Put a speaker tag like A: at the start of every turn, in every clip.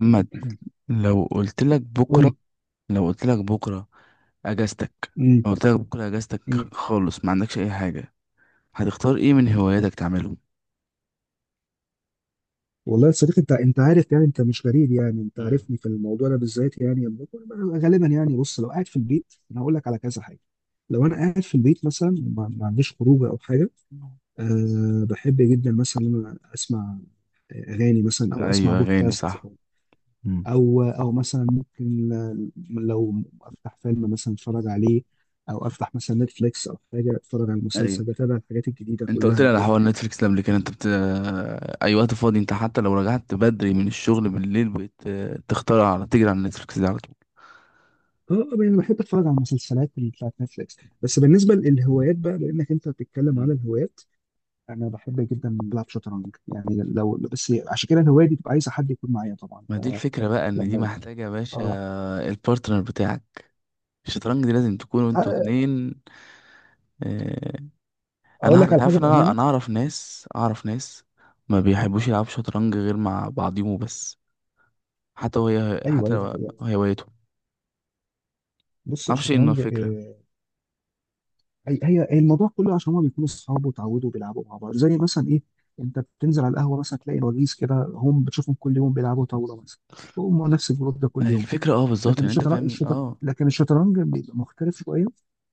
A: محمد، لو قلت لك
B: قول
A: بكره
B: لي.
A: لو قلت لك بكره اجازتك
B: مم.
A: لو قلت لك بكره اجازتك
B: مم.
A: خالص، ما عندكش اي حاجه، هتختار ايه من هواياتك تعمله؟
B: والله يا صديقي، انت عارف، يعني انت مش غريب، يعني انت
A: مم.
B: عارفني في الموضوع ده بالذات. يعني أنا غالبا، يعني بص، لو قاعد في البيت انا هقول لك على كذا حاجه. لو انا قاعد في البيت مثلا، ما عنديش خروج او حاجه. أه، بحب جدا مثلا ان انا اسمع اغاني مثلا، او اسمع
A: ايوه، اغاني
B: بودكاست،
A: صح.
B: او
A: مم.
B: او أو مثلا ممكن لو افتح فيلم مثلا اتفرج عليه، او افتح مثلا نتفليكس او حاجه، اتفرج على
A: ايوه،
B: المسلسل، بتابع الحاجات الجديده
A: انت قلت
B: كلها
A: لي على
B: وكده
A: حوار
B: يعني.
A: نتفليكس ده قبل كده، انت بت... اي وقت فاضي انت، حتى لو رجعت بدري من الشغل بالليل، بقيت تختار تجري على نتفليكس ده على طول.
B: اه، انا بحب اتفرج على المسلسلات اللي بتاعت نتفليكس. بس بالنسبه للهوايات بقى، لانك انت بتتكلم على
A: مم.
B: الهوايات، انا بحب جدا بلعب شطرنج يعني. لو بس عشان كده الهوايه دي بتبقى عايزه حد يكون معايا طبعا.
A: ما دي الفكره بقى، ان دي
B: فلما
A: محتاجه يا باشا،
B: اه
A: البارتنر بتاعك. الشطرنج دي لازم تكونوا انتوا
B: أ-
A: اتنين. آه، انا
B: اقول
A: أعرف-
B: لك
A: انت
B: على حاجه
A: عارف ان انا
B: بامانه.
A: انا اعرف ناس، ما بيحبوش يلعبوا شطرنج غير مع بعضيهم بس. حتى وهي،
B: ايوه،
A: حتى
B: هي ده
A: لو
B: حقيقه.
A: هوايتهم. ما
B: بص
A: اعرفش ايه إنه
B: الشطرنج،
A: الفكره.
B: هي الموضوع كله عشان هما بيكونوا صحاب، وتعودوا بيلعبوا مع بعض، زي مثلا ايه، انت بتنزل على القهوه مثلا تلاقي وجيز كده، هم بتشوفهم كل يوم بيلعبوا طاوله مثلا. هم نفس الجروب ده كل يوم.
A: الفكره اه بالظبط،
B: لكن
A: يعني انت فاهم اه.
B: الشطرنج بيبقى مختلف شويه.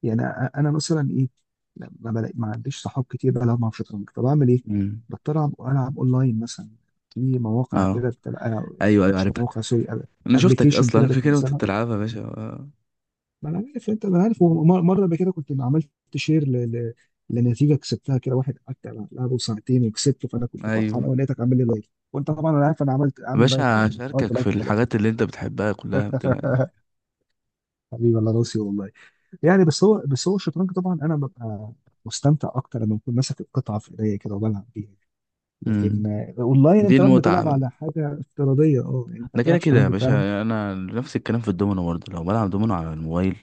B: يعني انا مثلا ايه، لا، ما عنديش صحاب كتير بلعب معاهم شطرنج، فبعمل ايه؟
A: امم.
B: بضطر العب اونلاين مثلا، في مواقع
A: اه،
B: كده بتبقى.
A: ايوه ايوه
B: مش
A: عارفها.
B: مواقع، سوري،
A: انا شفتك
B: ابلكيشن
A: اصلا،
B: كده
A: انا فاكر وانت
B: بتنزلها.
A: بتلعبها يا باشا آه.
B: ما انا عارف انت،
A: مم.
B: مره قبل كده كنت عملت شير لنتيجه كسبتها كده، واحد قعدت العبه ساعتين وكسبته، فانا كنت
A: ايوه
B: فرحان قوي لقيتك عامل لي لايك. وانت طبعا انا عارف، انا عملت
A: يا
B: عامل لايك على
A: باشا،
B: ايه، عملت
A: اشاركك في
B: لايك خلاص.
A: الحاجات اللي انت بتحبها كلها، ما تقلقش.
B: حبيبي الله راسي والله. يعني بس هو الشطرنج طبعا انا ببقى مستمتع اكتر لما بكون ماسك القطعه في ايديا كده وبلعب بيها. لكن
A: امم،
B: اونلاين
A: دي
B: انت بقى
A: المتعه.
B: بتلعب على حاجه افتراضيه، يعني انت
A: ده كده
B: بتلعب
A: كده يا
B: شطرنج فعلا.
A: باشا، انا نفس الكلام في الدومينو برضه، لو بلعب دومينو على الموبايل،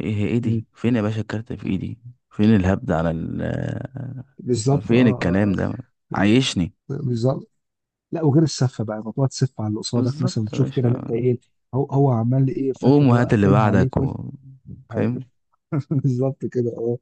A: ايه ايه دي؟
B: مم.
A: فين يا باشا الكارت في ايدي؟ فين الهبد على ال آه،
B: بالظبط، اه
A: فين الكلام
B: اه.
A: ده؟
B: اه،
A: عايشني.
B: بالظبط. لا، وغير السفه بقى، موضوع تسف على اللي قصادك مثلا،
A: بالظبط يا
B: تشوف كده
A: باشا.
B: اللي انت ايه، هو عمال ايه فاكر،
A: قوم
B: هو
A: وهات اللي
B: قفلها عليك
A: بعدك
B: وانت.
A: و... فاهم.
B: بالظبط كده، اه.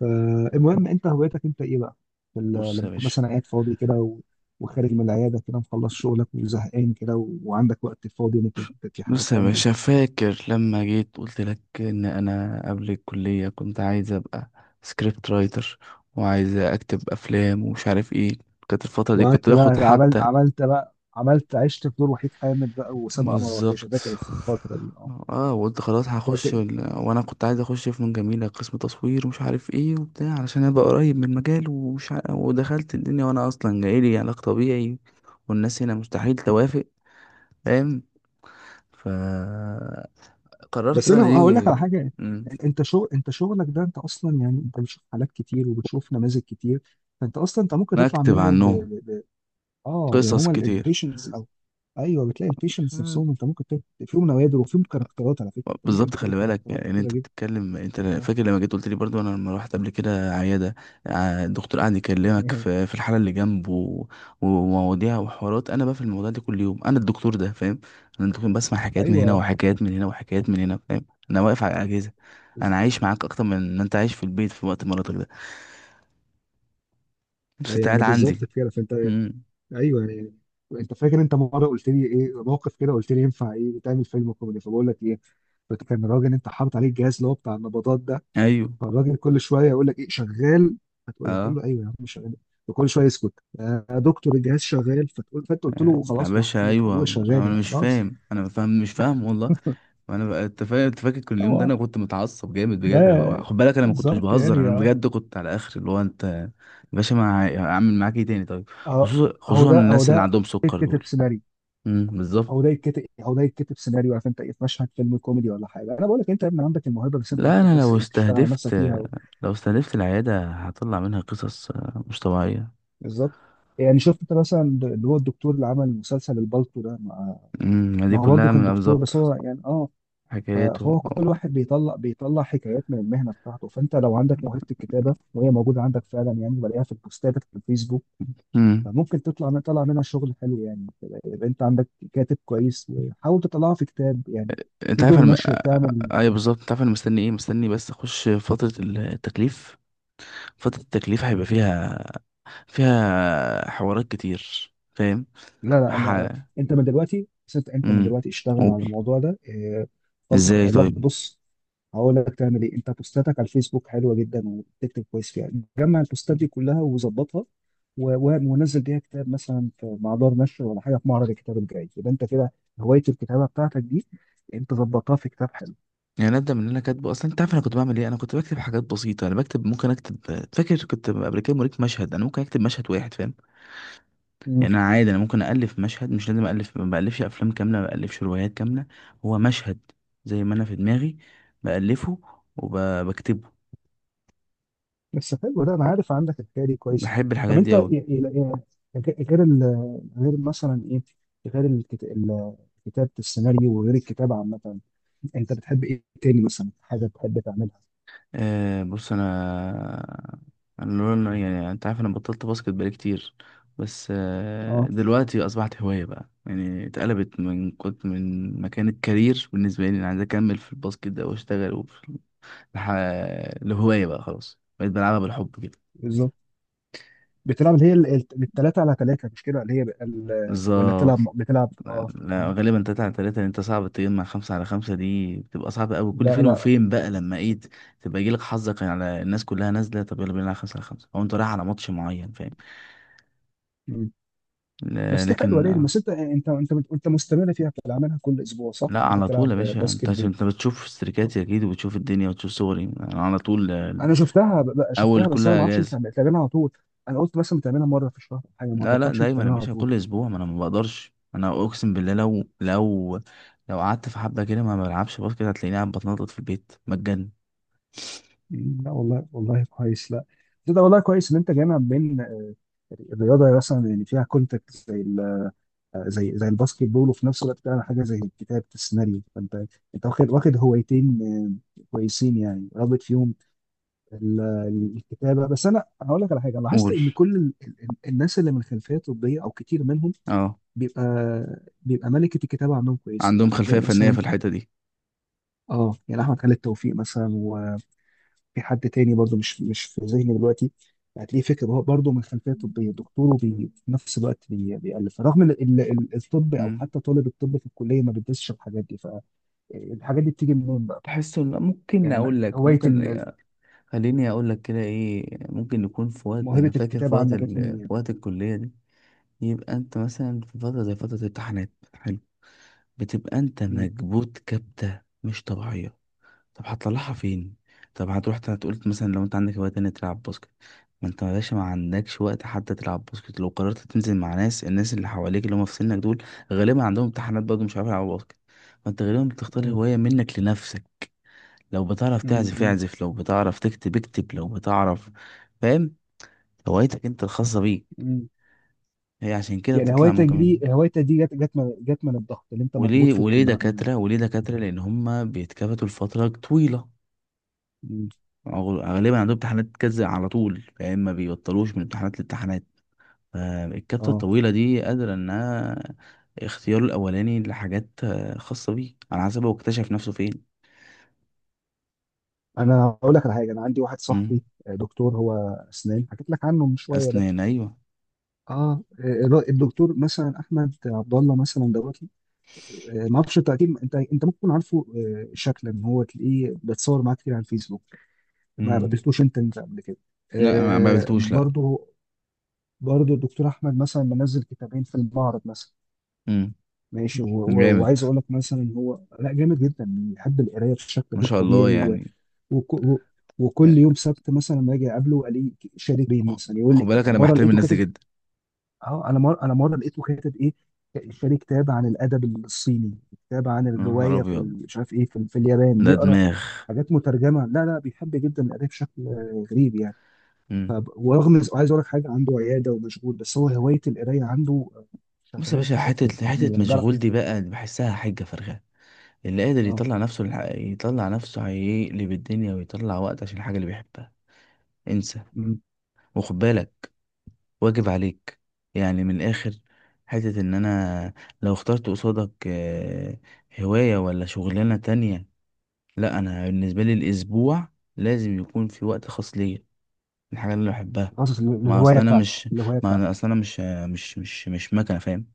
B: فالمهم انت، هوايتك انت ايه بقى؟
A: بص يا
B: لما تكون
A: باشا.
B: مثلا قاعد فاضي كده و... وخارج من العياده كده، مخلص شغلك وزهقان كده و... وعندك وقت فاضي، ممكن انت في حاجه
A: بص يا
B: تعمل ايه؟
A: باشا، فاكر لما جيت قلت لك ان انا قبل الكلية كنت عايز ابقى سكريبت رايتر، وعايز اكتب افلام ومش عارف ايه. كانت الفترة دي كنت
B: وقعدت
A: باخد
B: بقى عملت
A: حتى.
B: عملت بقى عملت عشت في دور وحيد حامد بقى، وسام قمر، وكاشه فاكر
A: بالظبط.
B: الفتره دي.
A: اه، وقلت خلاص
B: اه،
A: هخش ال... وانا كنت عايز اخش فنون جميله قسم تصوير ومش عارف ايه وبتاع، علشان ابقى قريب من المجال ومش ع... ودخلت الدنيا وانا اصلا جايلي علاج طبيعي، والناس هنا مستحيل توافق. فاهم. فقررت
B: بس
A: بقى
B: انا
A: ان
B: هقول لك على
A: دي.
B: حاجه.
A: مم،
B: انت شغلك ده، انت اصلا يعني انت بتشوف حالات كتير وبتشوف نماذج كتير. فانت اصلا انت ممكن تطلع
A: اكتب
B: منه ب...
A: عنهم.
B: ب... ب... اه، يعني
A: قصص
B: هما
A: كتير.
B: البيشنس او. ايوه، بتلاقي البيشنس نفسهم، انت ممكن تلاقي فيهم نوادر وفيهم كاركترات. على فكره، انت ممكن
A: بالظبط،
B: تلاقي
A: خلي بالك
B: كاركترات
A: يعني، إن
B: كتيره
A: انت
B: جدا.
A: بتتكلم، انت
B: اه.
A: فاكر لما جيت قلت لي برضو، انا لما رحت قبل كده عياده، ع- الدكتور قعد يكلمك في الحاله اللي جنبه و- ومواضيع وحوارات. انا بقى في الموضوع ده كل يوم. انا الدكتور ده، فاهم؟ انا الدكتور، بسمع حكايات من هنا
B: ايوه،
A: وحكايات من هنا وحكايات من هنا، فاهم؟ انا واقف على الاجهزه.
B: بز-
A: انا عايش معاك اكتر من ان انت عايش في البيت في وقت مراتك ده، بس انت قاعد
B: يعني بالظبط
A: عندي.
B: كده فانت.
A: امم.
B: ايوه يعني. انت فاكر انت مره قلت لي، ايه موقف كده قلت لي، ينفع ايه تعمل فيلم كوميدي، فبقول لك ايه، كان الراجل انت حاطط عليه الجهاز اللي هو بتاع النبضات ده.
A: ايوه.
B: فالراجل كل شويه يقول لك ايه، شغال؟ فتقول إيه؟ تقول
A: اه.
B: له ايوه يا عم شغال. وكل شويه يسكت، يا دكتور الجهاز شغال؟ فانت قلت له
A: يا
B: خلاص،
A: باشا
B: وحدة
A: ايوه،
B: ابويا شغال
A: انا
B: يعني،
A: مش
B: خلاص.
A: فاهم، انا فاهم مش فاهم والله. انا بقى- انت فاهم، انت فاكر كل اليوم ده،
B: هو
A: انا كنت متعصب جامد
B: ده
A: بجد. انا بقى- خد بالك انا ما كنتش
B: بالظبط
A: بهزر،
B: يعني.
A: انا
B: اه
A: بجد كنت على اخر، اللي هو، انت يا باشا ما ه- هعمل معاك ايه تاني طيب؟
B: اهو
A: خصوصا
B: اهو ده اهو
A: الناس اللي
B: ده
A: عندهم سكر
B: يتكتب
A: دول.
B: سيناريو.
A: امم، بالظبط.
B: اهو ده يتكتب إيه؟ اهو ده يتكتب سيناريو. عارف انت ايه، في مشهد فيلم كوميدي ولا حاجه. انا بقول لك، انت يا ابني عندك الموهبه، بس انت
A: لا،
B: محتاج
A: انا
B: بس
A: لو
B: ايه، تشتغل على
A: استهدفت،
B: نفسك فيها.
A: لو استهدفت العياده، هطلع منها قصص آه، مش طبيعيه.
B: بالظبط. يعني شفت انت مثلا اللي هو الدكتور اللي عمل مسلسل البالتو ده، ما
A: امم،
B: ما
A: دي
B: هو برضه
A: كلها
B: كان
A: من،
B: دكتور، بس هو
A: بالظبط،
B: يعني
A: حكايته.
B: فهو كل واحد بيطلع حكايات من المهنه بتاعته. فانت لو عندك موهبه الكتابه وهي موجوده عندك فعلا، يعني بلاقيها في البوستات في الفيسبوك،
A: امم.
B: فممكن تطلع من طلع منها شغل حلو يعني. يبقى انت عندك كاتب كويس، وحاول تطلعه في كتاب يعني، في
A: انت عارف
B: دور
A: انا م...
B: نشر
A: آه،
B: تعمل.
A: ايوه بالظبط، انت عارف انا مستني ايه؟ مستني بس اخش فترة التكليف. فترة التكليف هيبقى فيها، فيها حوارات كتير، فاهم؟
B: لا لا،
A: ح...
B: أنا... أنت من
A: امم،
B: دلوقتي اشتغل على
A: قول،
B: الموضوع ده.
A: ازاي طيب؟
B: بص، هقول لك تعمل إيه. أنت بوستاتك على الفيسبوك حلوة جدا وبتكتب كويس فيها. جمع البوستات دي كلها وظبطها و- و- ونزل بيها كتاب مثلا مع دار نشر ولا حاجة في معرض الكتاب الجاي. يبقى أنت كده هواية الكتابة بتاعتك دي أنت ظبطتها في كتاب.
A: يعني ابدا من اللي انا كاتبه اصلا. انت عارف انا كنت بعمل ايه؟ انا كنت بكتب حاجات بسيطه، انا بكتب، ممكن اكتب. فاكر كنت قبل كده موريك مشهد، انا ممكن اكتب مشهد واحد، فاهم؟
B: حلو.
A: يعني انا عادي، انا ممكن الف مشهد، مش لازم الف، ما بالفش افلام كامله، ما بالفش روايات كامله. هو مشهد، زي ما انا في دماغي، بالفه وبكتبه.
B: بس حلو ده، انا عارف عندك الحكايه دي كويس.
A: بحب
B: طب
A: الحاجات
B: انت
A: دي أوي.
B: غير ال غير مثلا ايه غير الكت- ال- كتابه السيناريو وغير الكتابه عامه، انت بتحب ايه تاني مثلا حاجه بتحب تعملها؟
A: أه بص أنا، أنا لون- يعني أنت عارف، أنا بطلت باسكت بقالي كتير، بس أه
B: اه،
A: دلوقتي أصبحت هواية بقى. يعني اتقلبت، من كنت من مكان الكارير بالنسبة لي، أنا عايز أكمل في الباسكت ده وأشتغل، وفي الح... لهواية بقى، خلاص بقيت بلعبها بالحب كده.
B: بالظبط. بتلعب اللي هي الثلاثه على ثلاثه مش كده، اللي هي بقى ولا
A: بالظبط.
B: بتلعب اه. آه.
A: لا، غالبا تلاتة على تلاتة، لأن انت صعب تجمع خمسة على خمسة. دي بتبقى صعبة أوي، كل
B: لا
A: فين
B: لا.
A: وفين بقى، لما ايه، تبقى يجيلك حظك على الناس كلها نازلة، طب يلا بينا على خمسة على خمسة، أو أنت رايح على ماتش معين، فاهم؟
B: مم.
A: ل-
B: بس دي حلوه
A: لكن
B: ليه،
A: آه،
B: بس انت مستمر فيها بتلعبها كل اسبوع، صح؟
A: لا
B: انت
A: على طول
B: بتلعب
A: يا باشا.
B: باسكت
A: انت عشان
B: بول.
A: انت بتشوف استريكاتي أكيد، وبتشوف الدنيا وتشوف صوري، أنا على طول آه،
B: انا شفتها ب- ب-
A: أول
B: شفتها بس
A: كل
B: انا ما اعرفش انت
A: أجازة.
B: بتعملها على طول. انا قلت مثلا بتعملها مره في الشهر أو حاجه، ما
A: لا لا
B: توقعتش انت
A: دايما يا
B: بتعملها على
A: باشا، كل
B: طول.
A: أسبوع. ما أنا ما بقدرش، أنا أقسم بالله لو لو قعدت في حبة كده ما بلعبش باسكت، هتلاقيني قاعد بتنطط في البيت مجان.
B: مم، لا والله والله كويس. لا، ده والله كويس ان انت جامع بين الرياضه مثلا اللي فيها كونتاكت زي ال- زي زي الباسكت بول، وفي نفس الوقت بتعمل حاجه زي كتابه السيناريو. فانت انت واخد هوايتين كويسين يعني، رابط فيهم الكتابه. بس انا هقول لك على حاجه، لاحظت
A: قول.
B: ان كل الناس اللي من خلفيه طبيه او كتير منهم
A: اه،
B: بيبقى بيبقى ملكة الكتابة عندهم كويسة.
A: عندهم
B: يعني هتلاقي
A: خلفية فنية
B: مثلا
A: في الحتة دي.
B: اه يعني أحمد خالد توفيق مثلا، وفي حد تاني برضو مش في ذهني دلوقتي، هتلاقيه فكر، هو برضه من خلفية طبية دكتور، وفي نفس الوقت بيألف، رغم إن الطب أو
A: مم.
B: حتى طالب الطب في الكلية ما بيدرسش الحاجات دي. فالحاجات دي بتيجي منين بقى؟
A: تحس ان ممكن
B: يعني
A: اقول لك، ممكن خليني اقول لك كده، ايه ممكن نكون في وقت، انا
B: موهبة
A: فاكر في
B: الكتابة
A: وقت
B: عندك
A: ال...
B: جت منين يعني؟
A: في وقت الكلية دي. يبقى انت مثلا في فترة زي فترة الامتحانات، حلو، بتبقى انت
B: م-
A: مكبوت كبتة مش طبيعية. طب هتطلعها فين؟ طب هتروح تقول مثلا لو انت عندك هواية تانية تلعب باسكت؟ ما انت يا باشا ما عندكش وقت حتى تلعب باسكت. لو قررت تنزل مع ناس، الناس اللي حواليك اللي هم في سنك دول، غالبا عندهم امتحانات برضه، مش عارفين يلعبوا باسكت. فانت غالبا بتختار
B: م-
A: هواية منك لنفسك. لو بتعرف
B: م-
A: تعزف
B: م-
A: اعزف، لو بتعرف تكتب اكتب، لو بتعرف، فاهم؟ هوايتك انت الخاصة بيك،
B: م.
A: هي عشان كده
B: يعني
A: بتطلع
B: هوايتك
A: ممكن
B: دي
A: منها.
B: هوايتك دي جت من الضغط اللي انت مضغوط
A: وليه
B: في الكلية م-
A: وليه دكاترة؟ لأن هم بيتكبتوا لفترة طويلة.
B: م.
A: أغ- غالبا عندهم امتحانات كذا على طول، فاهم؟ ما بيبطلوش من امتحانات لامتحانات. فالكبسة
B: اه،
A: الطويلة دي قادرة انها اختياره الاولاني لحاجات آه، خاصة بيه، على حسب هو اكتشف نفسه فين.
B: انا اقول لك على حاجه. انا عندي واحد
A: مم.
B: صاحبي دكتور هو اسنان، حكيت لك عنه من شويه ده.
A: اسنان، ايوه.
B: الدكتور مثلا احمد عبد الله مثلا دوت. ما اعرفش انت اكيد، انت ممكن تكون عارفه شكلا، ان هو تلاقيه بيتصور معاه كتير على الفيسبوك. ما
A: مم.
B: قابلتوش انت قبل كده؟
A: لا، ما قابلتوش لا.
B: برضه. برضه الدكتور احمد مثلا منزل كتابين في المعرض مثلا،
A: مم.
B: ماشي، و- و-
A: جامد،
B: وعايز اقول لك مثلا هو، لا، جامد جدا بيحب القرايه بشكل
A: ما
B: غير
A: شاء الله
B: طبيعي
A: يعني.
B: وك... و... وكل يوم سبت مثلا لما اجي اقابله الاقيه شارك بيه
A: خ-
B: مثلا، يقول
A: خد
B: لي
A: بالك
B: انا
A: انا
B: مره
A: بحترم
B: لقيته
A: الناس دي
B: كاتب.
A: جدا.
B: اه، انا مره لقيته كاتب ايه، شاري كتاب عن الادب الصيني، كتاب عن
A: يا نهار
B: الروايه
A: ابيض،
B: مش عارف ايه في اليابان،
A: ده
B: بيقرا
A: دماغ.
B: حاجات مترجمه. لا لا، بيحب جدا القرايه بشكل غريب يعني.
A: مم.
B: طب ورغم عايز اقول لك حاجه، عنده عياده ومشغول، بس هو هوايه القرايه عنده
A: بص يا
B: شغلاه
A: باشا،
B: بشكل
A: حتة
B: كبير يعني، بيعرف
A: مشغول دي
B: يكتب.
A: بقى، بحسها حجة فارغة. اللي قادر
B: اه.
A: يطلع نفسه للح... يطلع نفسه، هيقلب الدنيا ويطلع وقت عشان الحاجة اللي بيحبها. انسى.
B: مم.
A: وخد بالك، واجب عليك، يعني من الآخر. حتة إن أنا لو اخترت قصادك آه، هواية ولا شغلانة تانية، لا، أنا بالنسبة لي الأسبوع لازم يكون في وقت خاص ليا، الحاجة اللي بحبها.
B: خاصة
A: ما
B: الهوايه
A: أصل أنا
B: بتاعته
A: مش،
B: الهوايه
A: ما
B: بتاعته
A: أنا أصل أنا مش، مش مكنة، فاهم؟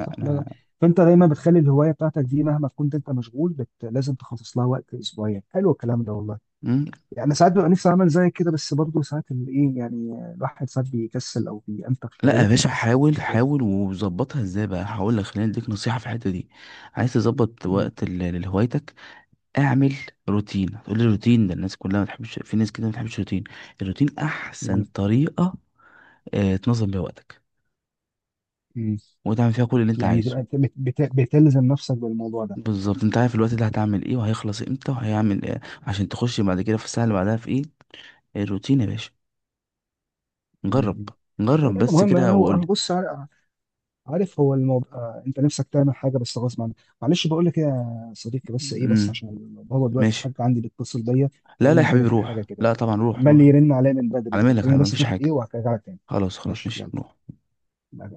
B: صح، لا لا. فانت دايما بتخلي الهوايه بتاعتك دي مهما كنت انت مشغول، لازم تخصص لها وقت اسبوعيا. حلو الكلام ده والله.
A: أنا.
B: يعني ساعات ببقى نفسي اعمل زي كده، بس برضه ساعات ايه يعني، الواحد ساعات بيكسل او بينتخ
A: لا
B: شويه.
A: يا باشا، حاول،
B: بت...
A: حاول وظبطها. ازاي بقى؟ هقول لك، خلينا اديك نصيحه في الحته دي. عايز تظبط
B: م-
A: وقت ال- لهوايتك، اعمل روتين. هتقول لي روتين ده الناس كلها ما تحبش، في ناس كده ما بتحبش الروتين. الروتين
B: م-
A: احسن طريقه آه تنظم بيها وقتك،
B: م.
A: وتعمل فيها كل اللي انت
B: يعني
A: عايزه.
B: تبقى بتلزم نفسك بالموضوع ده.
A: بالظبط، انت عارف الوقت ده هتعمل ايه، وهيخلص امتى، وهيعمل ايه عشان تخش بعد كده في الساعه اللي بعدها في ايه. الروتين يا باشا،
B: م-
A: جرب.
B: م.
A: جرب
B: لكن ده
A: بس
B: مهم.
A: كده
B: انا هو
A: وقول
B: أنا
A: لي.
B: بص، عارف هو الموضوع، انت نفسك تعمل حاجه بس غصب عنك. معلش، بقول لك ايه يا صديقي بس، ايه بس
A: امم،
B: عشان هو دلوقتي
A: ماشي.
B: الحاج عندي بيتصل بيا،
A: لا لا يا
B: تقريبا كده
A: حبيبي
B: في
A: روح،
B: حاجه كده،
A: لا طبعا روح
B: عمال
A: روح.
B: يرن عليا من بدري،
A: على مالك، على
B: فخليني
A: ما
B: بس
A: فيش
B: اشوف ايه
A: حاجه.
B: وهرجع لك تاني.
A: خلاص خلاص
B: ماشي
A: ماشي
B: يلا.
A: نروح.